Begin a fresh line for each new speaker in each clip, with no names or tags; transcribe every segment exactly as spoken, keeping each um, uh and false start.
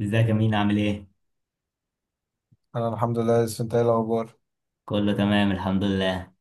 ازيك يا مين، عامل ايه؟
انا الحمد لله، لسه انت ايه الاخبار؟
كله تمام، الحمد لله.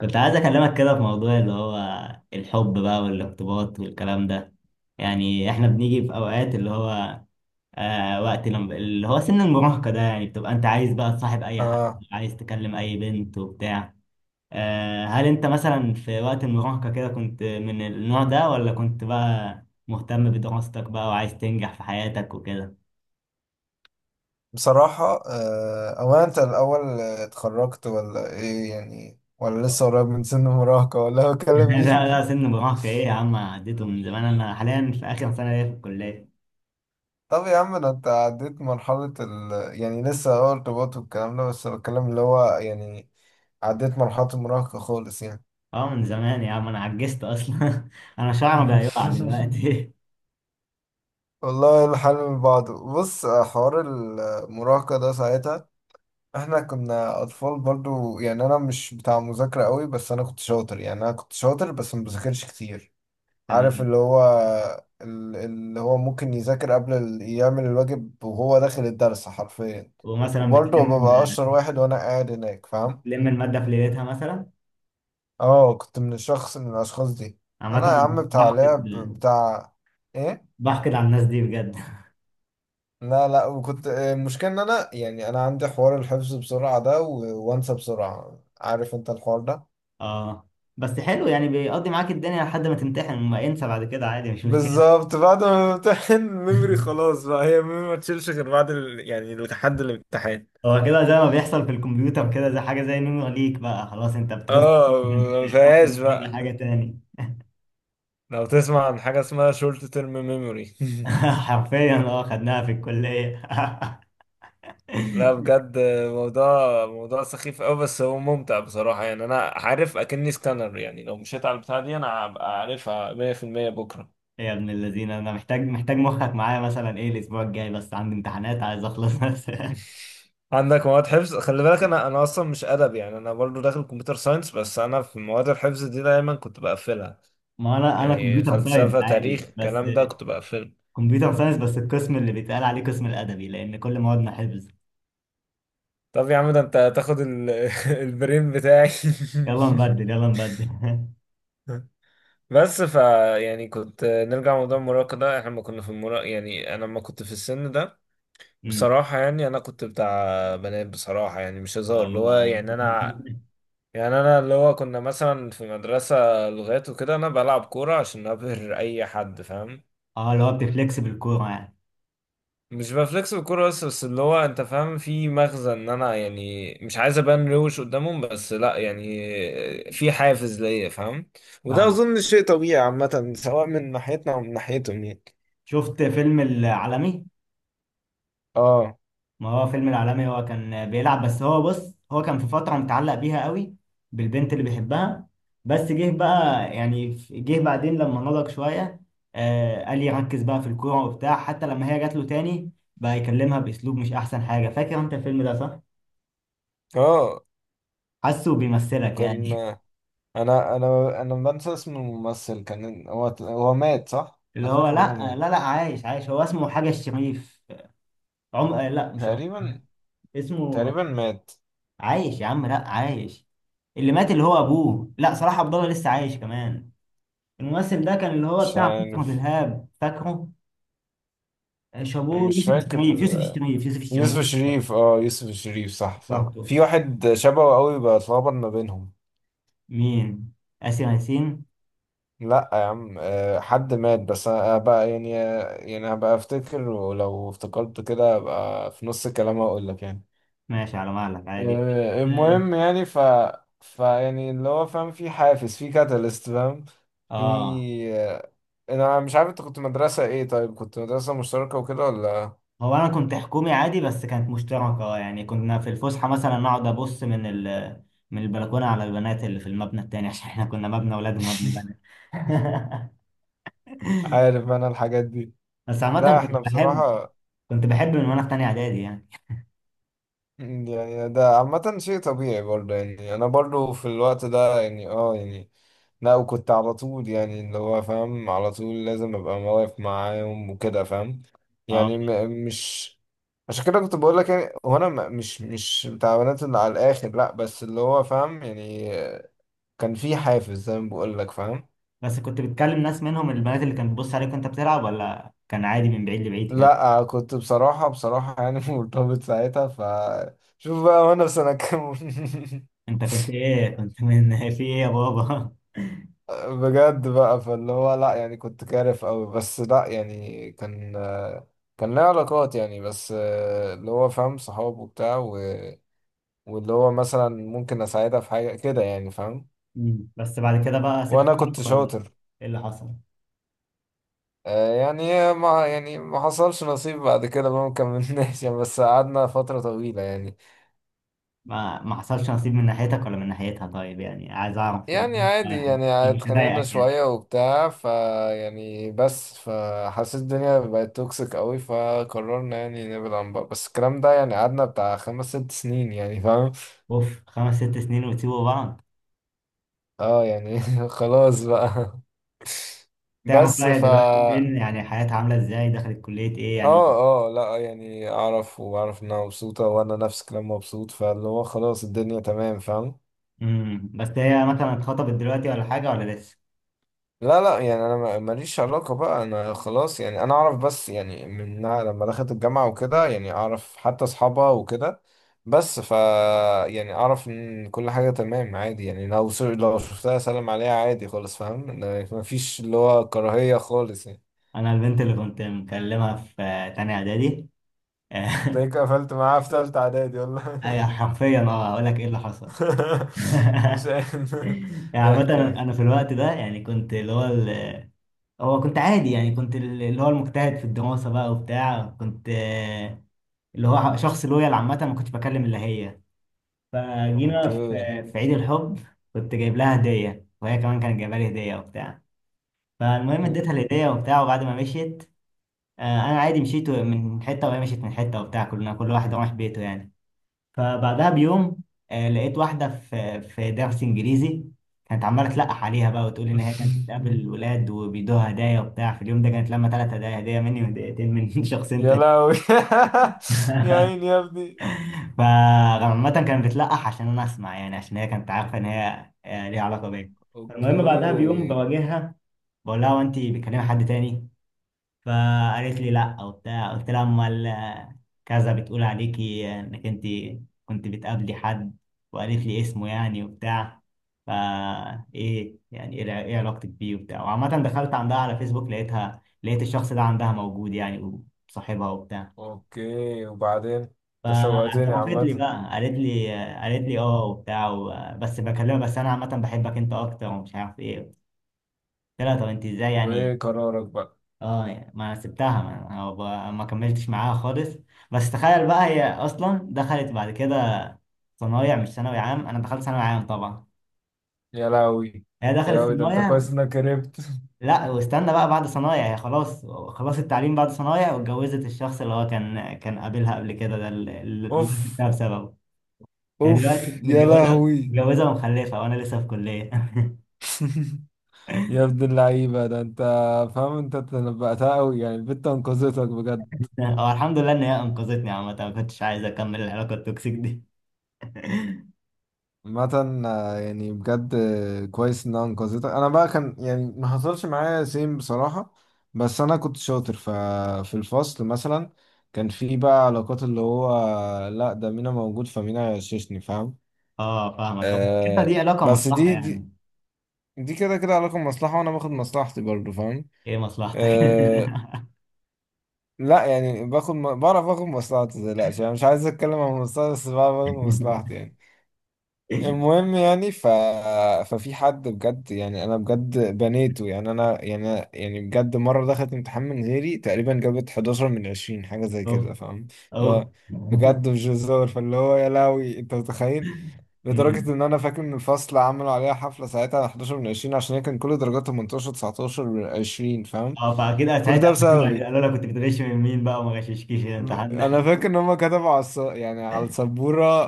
كنت عايز اكلمك كده في موضوع اللي هو الحب بقى والارتباط والكلام ده. يعني احنا بنيجي في اوقات اللي هو آه وقت لما اللي هو سن المراهقة ده، يعني بتبقى انت عايز بقى تصاحب اي حد،
اه،
عايز تكلم اي بنت وبتاع. آه هل انت مثلا في وقت المراهقة كده كنت من النوع ده، ولا كنت بقى مهتم بدراستك بقى وعايز تنجح في حياتك وكده؟
بصراحه آه. او انت الاول، آه، اتخرجت ولا ايه يعني، ولا لسه قريب من سن المراهقه، ولا بكلم
لا لا،
مين؟
سن المراهقة ايه يا عم؟ عديته من زمان. انا حاليا في اخر سنة ليا في الكلية.
طب يا عم، ده انت عديت مرحله ال يعني لسه اه ارتباط والكلام ده، بس بتكلم اللي هو يعني عديت مرحله المراهقه خالص يعني.
اه، من زمان يا عم، انا عجزت اصلا. انا شعري بقى يقع دلوقتي.
والله الحال من بعضه. بص آه، حوار المراهقه ده ساعتها احنا كنا اطفال برضو. يعني انا مش بتاع مذاكرة قوي، بس انا كنت شاطر، يعني انا كنت شاطر بس ما بذاكرش كتير. عارف
تمام.
اللي هو ال- اللي هو ممكن يذاكر قبل ال- يعمل الواجب وهو داخل الدرس حرفيا،
ومثلا
وبرضه
بتلم
ببقى اشطر واحد وانا قاعد هناك، فاهم؟
بتلم المادة في ليلتها مثلا.
اه كنت من الشخص، من الاشخاص دي.
عامة
انا يا
أنا
عم بتاع
بحقد
لعب بتاع. ايه؟
بحقد على الناس دي بجد.
لا لا، وكنت المشكلة ان انا، يعني انا عندي حوار الحفظ بسرعة ده و- وانسى بسرعة، عارف انت الحوار ده.
اه، بس حلو، يعني بيقضي معاك الدنيا لحد ما تمتحن، وما انسى بعد كده عادي، مش مشكلة.
بالظبط، بعد ما بمتحن ميموري خلاص بقى، هي ميموري ما تشيلش غير بعد ال... يعني لحد الامتحان.
هو كده زي ما بيحصل في الكمبيوتر كده، زي حاجة زي نور ليك بقى خلاص، انت بتعوز
اه ما فيهاش
تعمل
بقى.
حاجة تاني.
لو تسمع عن حاجة اسمها شورت تيرم ميموري
حرفيا اه، خدناها في الكلية.
لا بجد، موضوع موضوع سخيف قوي، بس هو ممتع بصراحة. يعني انا عارف اكني سكانر، يعني لو مشيت على البتاع دي انا هبقى عارفها مية في المية بكرة
يا ابن الذين، انا محتاج محتاج مخك معايا، مثلا ايه الاسبوع الجاي، بس عندي امتحانات عايز اخلص بس.
عندك مواد حفظ؟ خلي بالك انا انا اصلا مش ادب، يعني انا برضو داخل كمبيوتر ساينس، بس انا في مواد الحفظ دي دايما كنت بقفلها،
ما انا انا
يعني
كمبيوتر ساينس
فلسفة، تاريخ،
عادي، بس
الكلام ده كنت بقفله.
كمبيوتر ساينس، بس القسم اللي بيتقال عليه قسم الادبي لان كل موادنا حفظ.
طب يا عم ده انت هتاخد ال... البرين بتاعي
يلا نبدل يلا نبدل.
بس ف، يعني كنت نرجع لموضوع المراهقة ده، احنا لما كنا في المراهقة، يعني انا لما كنت في السن ده،
امم.
بصراحة يعني انا كنت بتاع بنات، بصراحة يعني مش هزار. اللي هو
والله.
يعني انا، يعني انا اللي هو كنا مثلا في مدرسة لغات وكده، انا بلعب كورة عشان ابهر اي حد، فاهم؟
اه، اللي هو بتفليكس بالكورة يعني.
مش بفلكس بالكورة، بس بس اللي هو انت فاهم في مغزى، ان انا يعني مش عايز ابان روش قدامهم، بس لا يعني في حافز ليا، فاهم؟ وده
فاهم،
اظن شيء طبيعي عامة، سواء من ناحيتنا او من ناحيتهم يعني.
شفت فيلم العالمي؟
اه.
ما هو فيلم العالمي، هو كان بيلعب، بس هو بص، هو كان في فترة متعلق بيها قوي بالبنت اللي بيحبها. بس جه بقى، يعني جه بعدين لما نضج شوية. آه قال لي ركز بقى في الكورة وبتاع، حتى لما هي جات له تاني بقى يكلمها بأسلوب مش أحسن حاجة. فاكر أنت الفيلم ده صح؟
اه.
حاسه بيمثلك
كان،
يعني.
انا انا انا بنسى اسم الممثل. كان هو هو مات، صح؟ انا
اللي هو
فاكر ان هو
لا
مات
لا لا، عايش عايش، هو اسمه حاجة الشريف. عم آه، لا، مش عم.
تقريبا.
اسمه
تقريبا مات.
عايش يا عم، لا، عايش. اللي مات اللي هو أبوه، لا، صلاح عبد الله لسه عايش كمان. الممثل ده كان اللي هو
مش
بتاع فكرة
عارف.
الإرهاب، فاكره؟ آه، شابوه،
مش
يوسف
فاكر.
الشريف يوسف الشريف يوسف
يوسف
الشريف.
الشريف. اه يوسف الشريف، صح صح،
برضه.
في واحد شبهه قوي، بتلخبط ما بينهم.
مين؟ آسر ياسين.
لا يا عم آه، حد مات. بس انا بقى يعني، يعني هبقى افتكر، ولو افتكرت كده هبقى في نص الكلام اقول لك يعني.
ماشي، على مهلك عادي.
آه،
اه.
المهم يعني ف، ف يعني اللي هو فاهم، في حافز، في كاتاليست، فاهم؟ في
آه.
آه، انا مش عارف انت كنت مدرسة ايه. طيب كنت مدرسة مشتركة وكده ولا؟
هو انا كنت حكومي عادي، بس كانت مشتركة آه، يعني كنا في الفسحة مثلا نقعد ابص من ال من البلكونة على البنات اللي في المبنى التاني، عشان احنا كنا مبنى اولاد ومبنى بنات.
عارف انا الحاجات دي.
بس عامة
لا
كنت
احنا
بحب
بصراحة،
كنت بحب من وانا في تانية اعدادي يعني.
يعني ده عامة شيء طبيعي برضه. يعني أنا برضه في الوقت ده يعني اه يعني، لا وكنت على طول يعني اللي هو فاهم، على طول لازم أبقى واقف معاهم وكده، فاهم؟
اه،
يعني م مش. عشان كده كنت بقول لك، يعني هو أنا م- مش مش بتاع بنات اللي على الآخر لأ، بس اللي هو فاهم يعني كان في حافز، زي ما بقول لك، فاهم؟
بس كنت بتكلم ناس منهم البنات اللي كانت بتبص عليك وانت بتلعب، ولا كان عادي من بعيد لبعيد كده؟
لأ كنت بصراحة، بصراحة يعني مرتبط ساعتها ف. شوف بقى وأنا في سنة كام
انت كنت ايه، كنت من في ايه يا بابا؟
بجد بقى. فاللي هو لا يعني كنت كارف قوي، بس لا يعني كان، كان ليا علاقات يعني. بس اللي هو فاهم، صحاب وبتاع و... واللي هو مثلا ممكن اساعدها في حاجة كده يعني، فاهم؟
مم. بس بعد كده بقى سبت
وانا
اللعب،
كنت
ولا
شاطر.
ايه اللي حصل؟
آه، يعني ما، يعني ما حصلش نصيب بعد كده بقى، ما كملناش يعني، بس قعدنا فترة طويلة يعني.
ما ما حصلش نصيب من ناحيتك ولا من ناحيتها؟ طيب، يعني عايز اعرف
يعني
انا،
عادي، يعني
مش
اتخانقنا
هضايقك يعني.
شوية وبتاع ف، يعني بس، فحسيت الدنيا بقت توكسيك قوي، فقررنا يعني نبعد عن بعض، بس الكلام ده يعني قعدنا بتاع خمس ست سنين يعني، فاهم؟
اوف، خمس ست سنين وتسيبوا بعض؟
اه يعني خلاص بقى.
تعرف
بس
بقى هي
ف
دلوقتي
اه.
فين، يعني حياتها عامله ازاي، دخلت كليه ايه يعني؟
اه لا يعني اعرف، واعرف انها مبسوطة، وانا نفس الكلام مبسوط، فاللي هو خلاص الدنيا تمام، فاهم؟
امم بس هي مثلا اتخطبت دلوقتي ولا حاجه ولا لسه؟
لا لا يعني انا ما- ماليش علاقة بقى، انا خلاص، يعني انا اعرف. بس يعني من لما دخلت الجامعة وكده يعني اعرف حتى اصحابها وكده. بس ف، يعني اعرف ان كل حاجة تمام، عادي، يعني لو س- لو شفتها اسلم عليها عادي خالص، فاهم؟ لا- مفيش اللي هو كراهية خالص يعني.
انا البنت اللي كنت مكلمها في تانية اعدادي.
تلاقيك قفلت معاها في تالتة اعدادي ولا؟
اي حرفيا، اه اقول لك ايه اللي حصل.
مش عارف.
يعني
احكي،
عامة
احكي.
انا أنا في الوقت ده يعني كنت اللي هو ال- هو كنت عادي، يعني كنت اللي هو المجتهد في الدراسة بقى وبتاع كنت آه، اللي هو شخص لويال عامة، ما كنتش بكلم الا هي. فجينا في
اوكي.
في عيد الحب. كنت جايب لها هدية، وهي كمان كانت جايبة لي هدية وبتاع. فالمهم اديتها الهدية وبتاع، وبعد ما مشيت آه، انا عادي مشيت من حتة، وهي مشيت من حتة وبتاع، كلنا كل واحد راح بيته يعني. فبعدها بيوم آه، لقيت واحدة في في درس إنجليزي كانت عمالة تلقح عليها بقى، وتقول إن هي كانت بتقابل الولاد وبيدوها هدايا وبتاع، في اليوم ده كانت لما ثلاث هدايا، هدية مني وهديتين من شخصين
يا
تاني.
لهوي. يا عيني يا ابني.
فعامة كانت بتلقح عشان أنا أسمع، يعني عشان هي كانت عارفة إن هي آه، ليها علاقة بيا. فالمهم بعدها بيوم
اوكي.
بواجهها، بقول لها هو أنت بتكلمي حد تاني؟ فقالت لي لا وبتاع. قلت لها امال آه، كذا بتقول عليكي آه، انك انت كنت بتقابلي حد. وقالت لي اسمه يعني وبتاع. فا ايه يعني ايه الع- إيه علاقتك بيه وبتاع. وعامة دخلت عندها على فيسبوك لقيتها، لقيت الشخص ده عندها موجود يعني، وصاحبها وبتاع.
اوكي وبعدين؟ انت شوقتني
فاعترفت لي
عامة.
بقى، قالت لي آه، قالت لي اه وبتاع و- آه، بس بكلمها، بس انا عامة بحبك انت اكتر، ومش عارف ايه. قلت لها طب انت ازاي يعني؟
وايه قرارك بقى؟
اه، ما سبتها، ما هو ب- ما كملتش معاها خالص. بس تخيل بقى، هي اصلا دخلت بعد كده صنايع مش ثانوي عام، انا دخلت ثانوي عام طبعا،
يا لهوي.
هي
يا
دخلت
لهوي، ده انت
صنايع.
كويس انك هربت
لا، واستنى بقى، بعد صنايع هي خلاص، خلاص التعليم بعد صنايع، واتجوزت الشخص اللي هو كان كان قابلها قبل كده، ده اللي اللي أنا
اوف.
سبتها بسببه. هي دلوقتي
اوف، يا
متجوزه
لهوي.
متجوزه ومخلفه، وانا لسه في كليه.
يا ابن اللعيبة، ده انت فاهم، انت تنبأتها قوي يعني، البت انقذتك بجد.
هو الحمد لله ان هي انقذتني، عامه ما كنتش عايز اكمل العلاقه التوكسيك دي.
عامة آه، يعني بجد آه، كويس انها انقذتك. انا بقى كان يعني ما حصلش معايا سيم بصراحة، بس انا كنت شاطر ف، في الفصل مثلا كان في بقى علاقات اللي هو، لا ده مينا موجود، فمينا هيغششني، فاهم؟
اه، فاهمك أه، كده دي
آه.
علاقه
بس
مصلحه
دي دي،
يعني.
دي كده كده علاقة مصلحة، وانا باخد مصلحتي برضه، فاهم؟
ايه مصلحتك؟
آه. لا يعني باخد م- بعرف اخد مصلحتي، متقلقش، يعني مش عايز اتكلم عن مصلحتي، بس بعرف اخد مصلحتي يعني. المهم يعني ف... ففي حد بجد، يعني انا بجد بنيته، يعني انا يعني، يعني بجد مره دخلت امتحان من غيري تقريبا، جابت احد عشر من عشرين، حاجه زي
اوف.
كده، فاهم؟ اللي
اوف.
هو بجد مش هزار، فاللي هو يا لهوي انت متخيل. لدرجه
أمم.
ان انا فاكر ان الفصل عملوا عليها حفله ساعتها على حداشر من عشرين، عشان هي كان كل درجاتها تمنتاشر، تسعة عشر من عشرين، فاهم؟
اه، بعد كده
كل
ساعتها
ده
قفشوني، يعني
بسببي.
قالوا لك كنت بتغش من مين بقى، وما غششكيش إيه الامتحان ده؟
انا فاكر ان هم كتبوا على الص... يعني على السبوره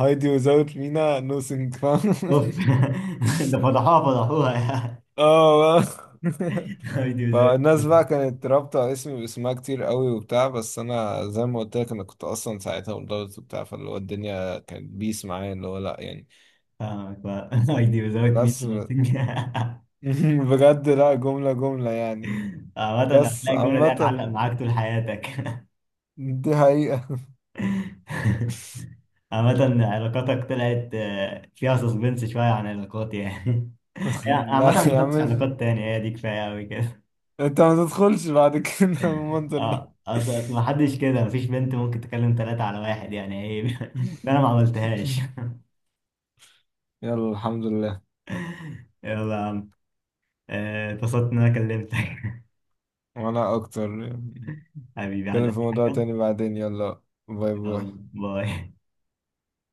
هايدي وزاوت مينا نو سينج، فاهم؟
اوف. ده فضحوها فضحوها يعني.
اه
ايدي وزوجت
فالناس بقى
مين.
كانت رابطة اسمي باسمها كتير قوي وبتاع، بس انا زي ما قلت لك انا كنت اصلا ساعتها مدرس وبتاع، فاللي هو الدنيا كانت بيس معايا، اللي هو لا يعني.
فاهمك بقى. ايدي وزوجت مين.
بس
اللي بتنجح؟
بجد، لا جملة جملة يعني.
عامة
بس
هتلاقي الجملة دي
عامة
هتعلق معاك طول حياتك.
دي حقيقة.
عامة علاقاتك طلعت آه، فيها سسبنس شوية عن علاقاتي يعني. عامة
لا
ما
يا
دخلتش
عم،
علاقات تانية، هي دي كفاية أوي كده.
انت ما تدخلش بعد كده المنظر ده
اه، اصل ما حدش كده، مفيش بنت ممكن تكلم ثلاثة على واحد، يعني ايه؟ ده انا ما عملتهاش.
يلا الحمد لله.
يلا يا عم. آه، اتبسطت ان انا كلمتك.
وانا اكتر. نتكلم
حبيبي، عايز اي
في موضوع
حاجة؟
تاني بعدين. يلا، باي
يلا
باي.
باي.